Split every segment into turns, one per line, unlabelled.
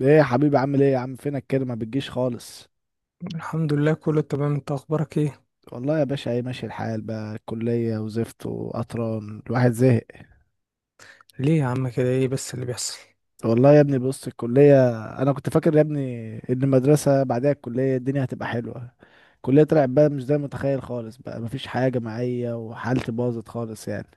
ايه يا حبيبي، عامل ايه يا عم؟ فينك كده، ما بتجيش خالص؟
الحمد لله، كله تمام. انت اخبارك ايه؟
والله يا باشا، ايه، ماشي الحال بقى، كلية وزفت وقطران، الواحد زهق.
ليه يا عم كده؟ ايه بس اللي بيحصل؟
والله يا ابني بص، الكلية. انا كنت فاكر يا ابني ان المدرسة بعدها الكلية الدنيا هتبقى حلوة. الكلية طلعت بقى مش زي ما متخيل خالص، بقى مفيش حاجة جماعية وحالتي باظت خالص يعني.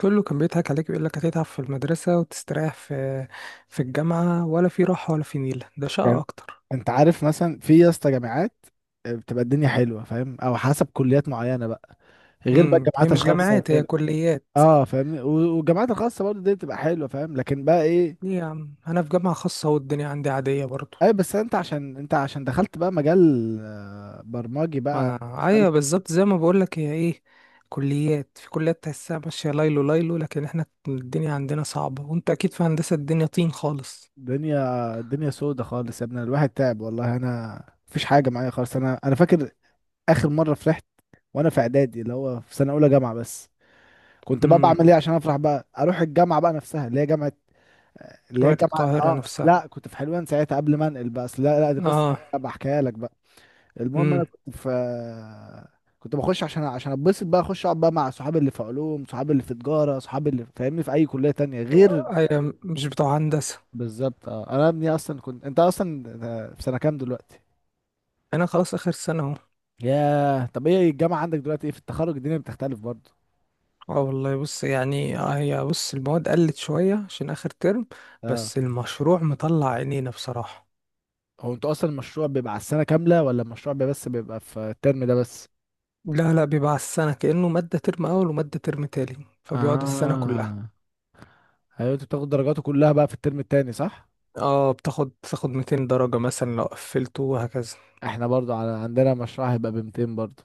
كله كان بيضحك عليك ويقول لك هتتعب في المدرسة وتستريح في الجامعة، ولا في راحة ولا في نيلة، ده شقة
يعني
اكتر.
انت عارف مثلا، في يا اسطى جامعات، بتبقى الدنيا حلوة فاهم، او حسب كليات معينة بقى، غير بقى
امم. هي
الجامعات
مش
الخاصة
جامعات، هي
وكده.
كليات.
اه فاهمني، والجامعات الخاصه برضه دي بتبقى حلوه فاهم، لكن بقى ايه.
ليه يا عم؟ انا في جامعة خاصة والدنيا عندي عادية برضو.
اي بس انت عشان دخلت بقى مجال، برمجي بقى
آه ايوه
دخلت.
بالظبط، زي ما بقول لك. هي ايه، كليات في كليات تحسها ماشية ليلو ليلو، لكن احنا الدنيا عندنا صعبة، وانت اكيد في هندسة الدنيا طين خالص.
دنيا الدنيا سودة خالص يا ابني، الواحد تعب والله. انا مفيش حاجه معايا خالص، انا فاكر اخر مره فرحت وانا في اعدادي، اللي هو في سنه اولى جامعه بس. كنت بقى
امم.
بعمل ايه عشان افرح؟ بقى اروح الجامعه بقى نفسها اللي هي جامعه، اللي هي
جامعة
الجامعه.
القاهرة
اه
نفسها.
لا كنت في حلوان ساعتها قبل ما انقل بقى، أصل لا لا دي قصه
اه.
بحكيها لك بقى. المهم انا
امم.
كنت بخش عشان اتبسط بقى، اخش اقعد بقى مع صحابي اللي في علوم، صحابي اللي في تجاره، صحابي اللي فاهمني في اي كليه تانية غير.
هي مش بتوع هندسة.
بالظبط اه، انا ابني اصلا كنت، انت اصلا في سنه كام دلوقتي؟
أنا خلاص آخر سنة أهو.
ياه، طب ايه الجامعه عندك دلوقتي؟ ايه في التخرج الدنيا بتختلف برضه؟
اه والله بص، يعني هي بص المواد قلت شوية عشان آخر ترم،
اه،
بس المشروع مطلع عينينا بصراحة.
هو انتوا اصلا المشروع بيبقى على السنه كامله، ولا المشروع بيبقى بيبقى في الترم ده بس؟
لا لا، بيبقى على السنة كأنه مادة ترم أول ومادة ترم تاني، فبيقعد السنة كلها.
اه ايوه، انتوا بتاخدوا درجاته كلها بقى في الترم التاني صح؟
اه، بتاخد 200 درجة مثلا لو قفلته وهكذا.
احنا برضو على عندنا مشروع هيبقى ب 200 برضو.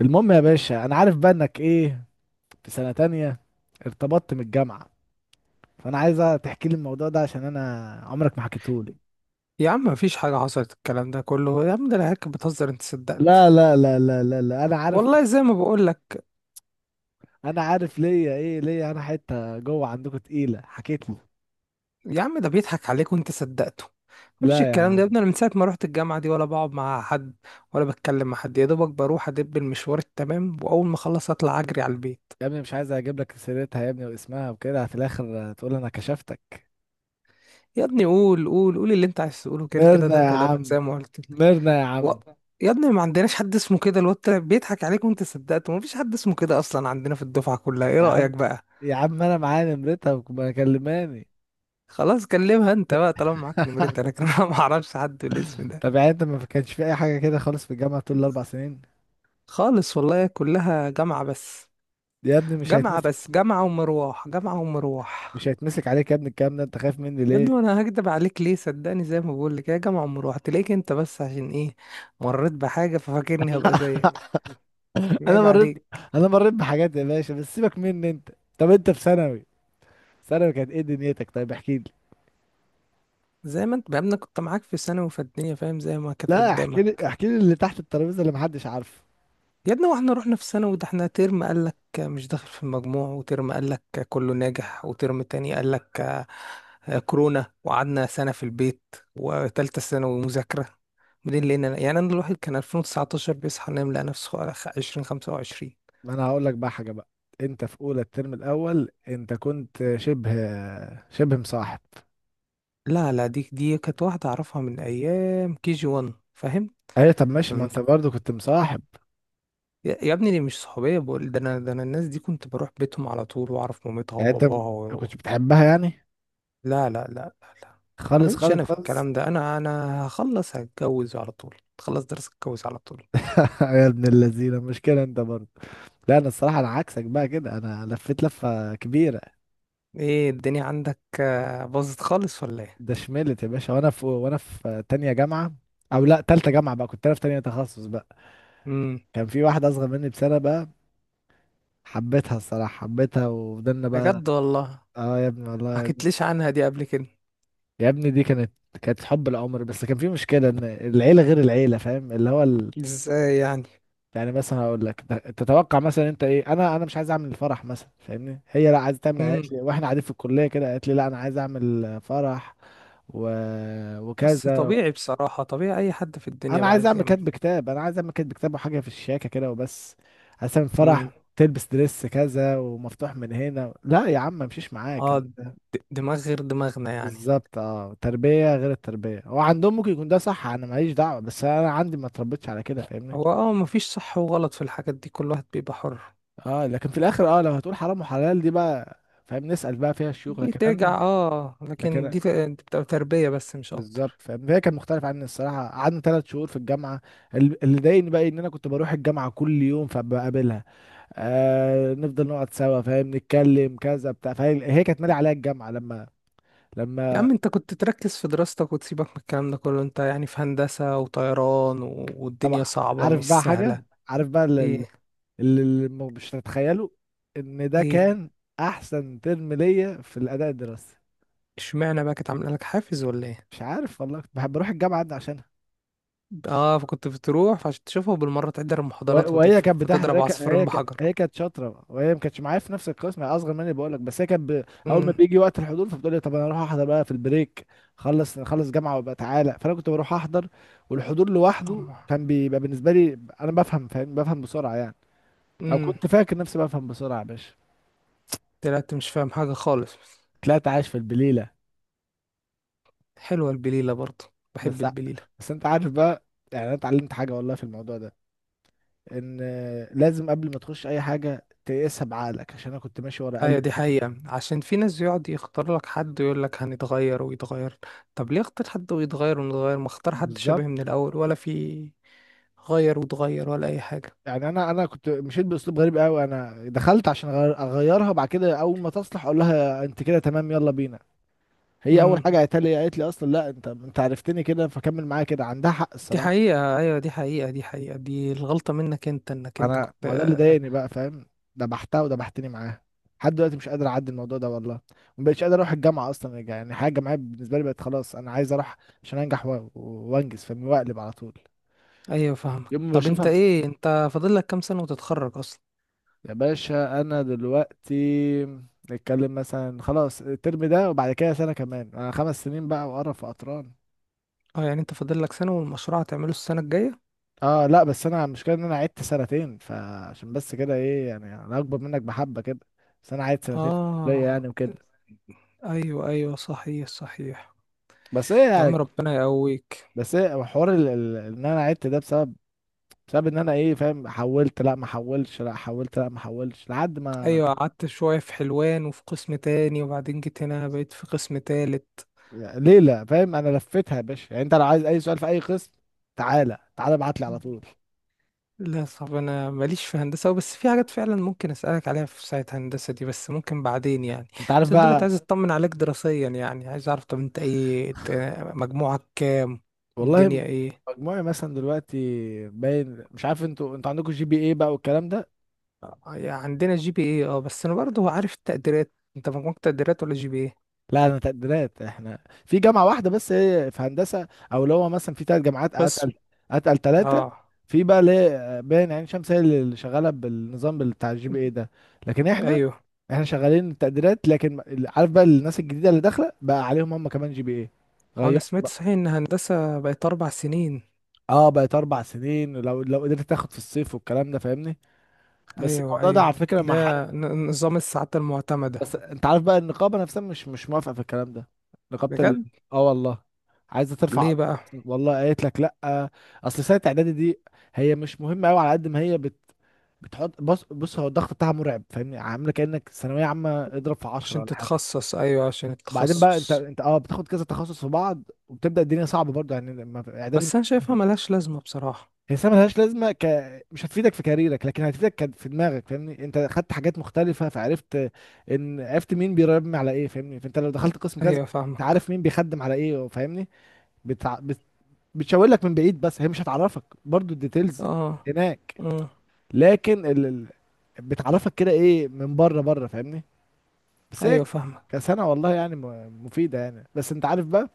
المهم يا باشا، انا عارف بقى انك ايه، في سنة تانية ارتبطت من الجامعة، فأنا عايزة تحكي لي الموضوع ده عشان أنا عمرك ما حكيتهولي.
يا عم مفيش حاجة حصلت، الكلام ده كله يا عم ده العيال كانت بتهزر، انت
لا
صدقت.
لا لا لا لا لا، أنا عارف.
والله زي ما بقول لك.
أنا عارف ليا إيه، ليا أنا حتة جوه عندكم تقيلة حكيت لي.
يا عم ده بيضحك عليك وانت صدقته، مفيش
لا يا
الكلام ده. يا
عم،
ابني انا من ساعه ما روحت الجامعه دي ولا بقعد مع حد ولا بتكلم مع حد، يا دوبك بروح ادب المشوار التمام، واول ما اخلص اطلع اجري على البيت.
يا ابني مش عايز أجيب لك سيرتها يا ابني واسمها وكده، في الآخر تقول أنا كشفتك.
يا ابني قول قول قول اللي انت عايز تقوله، كده كده
ميرنا
ده
يا
كلام
عم،
زي ما قلت لك.
ميرنا يا
و...
عم.
يا ابني ما عندناش حد اسمه كده، الواد طلع بيضحك عليك وانت صدقته، مفيش حد اسمه كده اصلا عندنا في الدفعه كلها. ايه
يا
رايك
عم،
بقى؟
يا عم، أنا معايا نمرتها ما كلماني.
خلاص كلمها انت بقى طالما معاك نمرتها، لكن انا ما اعرفش حد بالاسم ده.
طب يعني أنت ما كانش في أي حاجة كده خالص في الجامعة طول الأربع سنين؟
خالص والله، كلها جامعه بس.
دي يا ابني مش
جامعة
هيتنسي،
بس، جامعة ومروح، جامعة ومروح.
مش هيتمسك عليك يا ابني الكلام ده، انت خايف مني
يا
ليه؟
ابني انا هكدب عليك ليه؟ صدقني زي ما بقول لك، يا جامعة ومروح. تلاقيك انت بس عشان ايه مريت بحاجة ففاكرني هبقى زيك.
انا
عيب عليك.
مريت انا مريت بحاجات يا باشا، بس سيبك مني انت. طب انت في ثانوي، ثانوي كانت ايه دنيتك؟ طيب احكي لي.
زي ما انت بقى كنت معاك في ثانوي وفي الدنيا، فاهم زي ما كانت
لا احكي لي،
قدامك.
احكي لي اللي تحت الترابيزه اللي محدش عارفه.
يا ابني واحنا رحنا في ثانوي، ده احنا ترم قال لك مش داخل في المجموع، وترم قال لك كله ناجح، وترم تاني قال لك كورونا، وقعدنا سنة في البيت، وتالتة ثانوي مذاكرة. بعدين لقينا يعني انا الواحد كان 2019 بيصحى ينام لقى نفسه على 2025.
ما انا هقول لك بقى حاجه بقى، انت في اولى الترم الاول انت كنت شبه مصاحب.
لا لا، دي كانت واحدة اعرفها من ايام كي جي 1 فاهم.
ايوه طب ماشي، ما
فمن...
انت برضه كنت مصاحب.
يا ابني دي مش صحوبية، بقول ده انا، ده انا الناس دي كنت بروح بيتهم على طول واعرف مامتها
يعني انت ما
وباباها.
كنتش بتحبها يعني؟
لا لا لا لا لا. انا
خالص
ماليش
خالص
انا في
خالص.
الكلام ده، انا هخلص هتجوز على طول، تخلص درس اتجوز على طول.
يا ابن اللذينه، مشكله انت برضه. لا انا الصراحه انا عكسك بقى كده، انا لفيت لفه كبيره.
ايه الدنيا عندك باظت خالص ولا ايه؟
ده شملت يا باشا، وانا في تانية جامعة، او لا تالتة جامعة بقى، كنت انا في تانية تخصص بقى.
امم.
كان في واحدة اصغر مني بسنة بقى، حبيتها الصراحة حبيتها، وفضلنا بقى.
بجد والله؟
اه يا ابني
ما
والله.
حكيتليش عنها دي قبل كده.
يا ابني دي كانت حب العمر، بس كان في مشكلة ان العيلة غير العيلة فاهم، اللي هو ال...
ازاي يعني؟
يعني مثلا هقول لك، تتوقع مثلا انت ايه؟ انا مش عايز اعمل الفرح مثلا فاهمني، هي لا عايزه تعمل، قالت
امم.
لي واحنا قاعدين في الكلية كده قالت لي لا انا عايز اعمل فرح و...
بس
وكذا.
طبيعي بصراحة، طبيعي اي حد في الدنيا بقى عايز يعمل.
انا عايز اعمل كاتب كتاب وحاجه في الشياكه كده وبس، عشان
امم.
فرح تلبس دريس كذا ومفتوح من هنا، لا يا عم ما امشيش معاك.
اه د- دماغ غير دماغنا يعني.
بالظبط اه، تربيه غير التربيه، هو عندهم ممكن يكون ده صح انا ماليش دعوه، بس انا عندي ما اتربيتش على كده فاهمني.
هو اه مفيش صح وغلط في الحاجات دي، كل واحد بيبقى حر.
اه لكن في الاخر، اه لو هتقول حرام وحلال دي بقى فاهم نسال بقى فيها الشيوخ،
دي
لكن
ترجع
انا،
اه، لكن
لكن
بتبقى تربية بس مش
بالظبط
اكتر.
فاهم. فهي كان مختلف عني الصراحه، قعدنا 3 شهور في الجامعه. اللي ضايقني بقى ان انا كنت بروح الجامعه كل يوم فبقابلها، آه نفضل نقعد سوا فاهم نتكلم كذا بتاع. فهي كانت مالي عليا الجامعه لما،
يا
لما
عم انت كنت تركز في دراستك وتسيبك من الكلام ده كله، انت يعني في هندسة وطيران والدنيا
طبعا.
صعبة
عارف
ومش
بقى
سهلة.
حاجه، عارف بقى اللي،
ايه؟
اللي مش هتتخيله، ان ده
ايه؟
كان احسن ترم ليا في الاداء الدراسي.
اشمعنى بقى، كانت عاملة لك حافز ولا ايه؟
مش عارف والله، كنت بحب بروح الجامعه عشان،
اه فكنت بتروح فعشان تشوفه بالمرة، تحضر المحاضرات
وهي
وتفهم،
كانت بتحضر، هي شاطرة،
فتضرب عصفورين
برضه
بحجر.
هي كانت شاطره، وهي ما كانتش معايا في نفس القسم، هي اصغر مني بقول لك. بس هي كانت اول ما
امم.
بيجي وقت الحضور فبتقول لي طب انا اروح احضر بقى في البريك، خلص نخلص جامعه وابقى تعالى. فانا كنت بروح احضر، والحضور لوحده كان بيبقى بالنسبه لي، انا بفهم فاهم بفهم بسرعه يعني، او
امم.
كنت فاكر نفسي بفهم بسرعه يا باشا.
طلعت مش فاهم حاجة خالص.
طلعت عايش في البليله.
حلوة البليلة برضه، بحب
بس ع-
البليلة.
بس انت عارف بقى، يعني انا اتعلمت حاجه والله في الموضوع ده، ان لازم قبل ما تخش اي حاجه تقيسها بعقلك، عشان انا كنت ماشي ورا
ايوه
قلبي
دي
فاهم.
حقيقة، عشان في ناس يقعد يختار لك حد ويقول لك هنتغير ويتغير، طب ليه اختار حد ويتغير ونتغير؟ ما اختار حد
بالظبط.
شبه من الاول، ولا في غير وتغير ولا اي حاجة.
يعني انا كنت مشيت باسلوب غريب قوي، انا دخلت عشان أغير اغيرها، بعد كده اول ما تصلح اقول لها انت كده تمام يلا بينا. هي اول
امم.
حاجه قالت لي، اصلا لا انت عرفتني كده فكمل معايا كده، عندها حق
دي
الصراحه.
حقيقة، ايوه دي حقيقة، دي حقيقة، دي الغلطة منك انت، انك انت
انا
كنت.
ما هو ده اللي ضايقني بقى فاهم، دبحتها ودبحتني معاها. لحد دلوقتي مش قادر اعدي الموضوع ده والله، ما بقتش قادر اروح الجامعه اصلا، يعني حاجه الجامعيه بالنسبه لي بقت خلاص، انا عايز اروح عشان انجح وانجز فاهمني واقلب على طول
ايوه فاهمك.
يوم ما
طب انت
بشوفها.
ايه، انت فاضل لك كام سنة وتتخرج اصلا؟
يا باشا انا دلوقتي نتكلم مثلا خلاص الترم ده وبعد كده سنه كمان، انا 5 سنين بقى وقرف وقطران.
اه يعني انت فاضل لك سنة والمشروع هتعمله السنة الجاية.
اه لا بس انا المشكله ان انا عدت سنتين، فعشان بس كده ايه يعني انا اكبر منك بحبه كده، بس انا عدت سنتين في الكليه
اه.
يعني وكده.
ايوه ايوه، صحيح صحيح.
بس ايه
يا عم
يعني،
ربنا يقويك.
بس ايه حوار ان انا عدت ده بسبب ان انا ايه فاهم، حولت لا ما حولتش، لا حولت لا ما حولتش لحد ما
ايوه قعدت شوية في حلوان وفي قسم تاني وبعدين جيت هنا بقيت في قسم تالت.
ليله فاهم. انا لفيتها يا باشا، يعني انت لو عايز اي سؤال في اي قسم تعالى، تعالى ابعت لي على طول.
لا صعب، انا ماليش في هندسة، بس في حاجات فعلا ممكن اسألك عليها في ساعة، هندسة دي بس ممكن بعدين يعني.
انت عارف
بس دلوقتي
بقى،
عايز اطمن عليك دراسيا، يعني عايز اعرف طب انت ايه، إنت مجموعك كام؟
والله
الدنيا ايه؟
مجموعي مثلا دلوقتي باين، مش عارف انتوا عندكم جي بي ايه بقى والكلام ده.
آه، عندنا جي بي ايه اه. بس انا برضه عارف التقديرات، انت مجموعك تقديرات ولا جي بي ايه؟
لا انا تقديرات، احنا في جامعه واحده بس هي في هندسه، او اللي هو مثلا في 3 جامعات
بس.
اتقل، ثلاثه.
اه.
في بقى ليه باين، عين شمس هي اللي شغاله بالنظام بتاع الجي بي ايه ده، لكن احنا،
ايوه.
شغالين التقديرات. لكن عارف بقى الناس الجديده اللي داخله بقى عليهم هم كمان جي بي ايه،
آه، انا
غيروا
سمعت
بقى.
صحيح ان هندسة بقت اربع سنين؟
اه بقت 4 سنين، لو قدرت تاخد في الصيف والكلام ده فاهمني، بس
ايوه
الموضوع ده على
ايوه.
فكره مع حد.
لا نظام الساعات المعتمدة.
بس انت عارف بقى النقابه نفسها مش موافقه في الكلام ده، نقابه ال...
بجد؟
اه والله عايزه ترفع
ليه
قضية.
بقى؟
والله قالت لك لا. اصل سنه اعدادي دي هي مش مهمه قوي، على قد ما هي بتحط. بص بص، هو الضغط بتاعها مرعب فاهمني، عامله كانك ثانويه عامه اضرب في 10
عشان
ولا حاجه.
تتخصص، ايوه عشان
وبعدين بقى انت
التخصص.
انت اه بتاخد كذا تخصص في بعض، وبتبدا الدنيا صعبه برضه يعني لما- اعدادي.
بس انا شايفها ملهاش لازمة بصراحة.
هي ملهاش لازمه ك... مش هتفيدك في كاريرك لكن هتفيدك في دماغك فاهمني، انت خدت حاجات مختلفه فعرفت ان عرفت مين بيرمي على ايه فاهمني، فانت لو دخلت قسم كذا
ايوه
انت
فاهمك.
عارف مين بيخدم على ايه فاهمني. بتع... بت... بتشاور لك من بعيد، بس هي مش هتعرفك برضو الديتيلز
اه.
هناك،
امم.
لكن بتعرفك كده ايه من بره بره فاهمني، بس
ايوه
هيك
فاهمك.
كسنه والله يعني مفيده يعني، بس انت عارف بقى.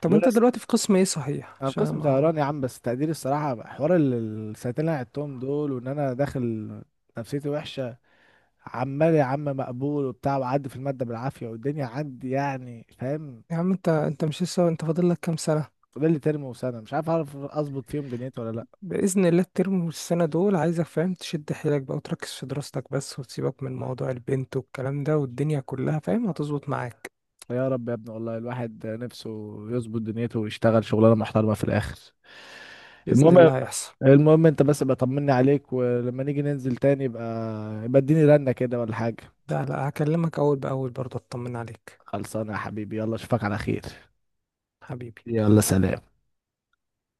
طب
لولا.
انت دلوقتي في قسم ايه صحيح
انا في
عشان
قسم
ما...
طيران يا عم، بس تقديري الصراحه حوار ال- السنتين اللي انا قعدتهم دول، وان انا داخل نفسيتي وحشه، عمال يا عم مقبول وبتاع وعدي في الماده بالعافيه والدنيا عندي يعني فاهم.
يا عم انت مش لسه، انت فاضل لك كام سنة؟
فاضل لي ترم وسنه، مش عارف اعرف اظبط فيهم دنيتي ولا لا.
بإذن الله الترم والسنة دول عايزك فاهم تشد حيلك بقى وتركز في دراستك بس، وتسيبك من موضوع البنت والكلام ده والدنيا كلها، فاهم هتظبط معاك.
يا رب يا ابني والله، الواحد نفسه يظبط دنيته ويشتغل شغلانه محترمه في الاخر.
بإذن
المهم،
الله هيحصل.
المهم انت بس ابقى طمني عليك، ولما نيجي ننزل تاني يبقى اديني رنه كده ولا حاجه.
لا لا، هكلمك أول بأول برضه أطمن عليك.
خلصانه يا حبيبي، يلا اشوفك على خير.
حبيبي.
يلا سلام.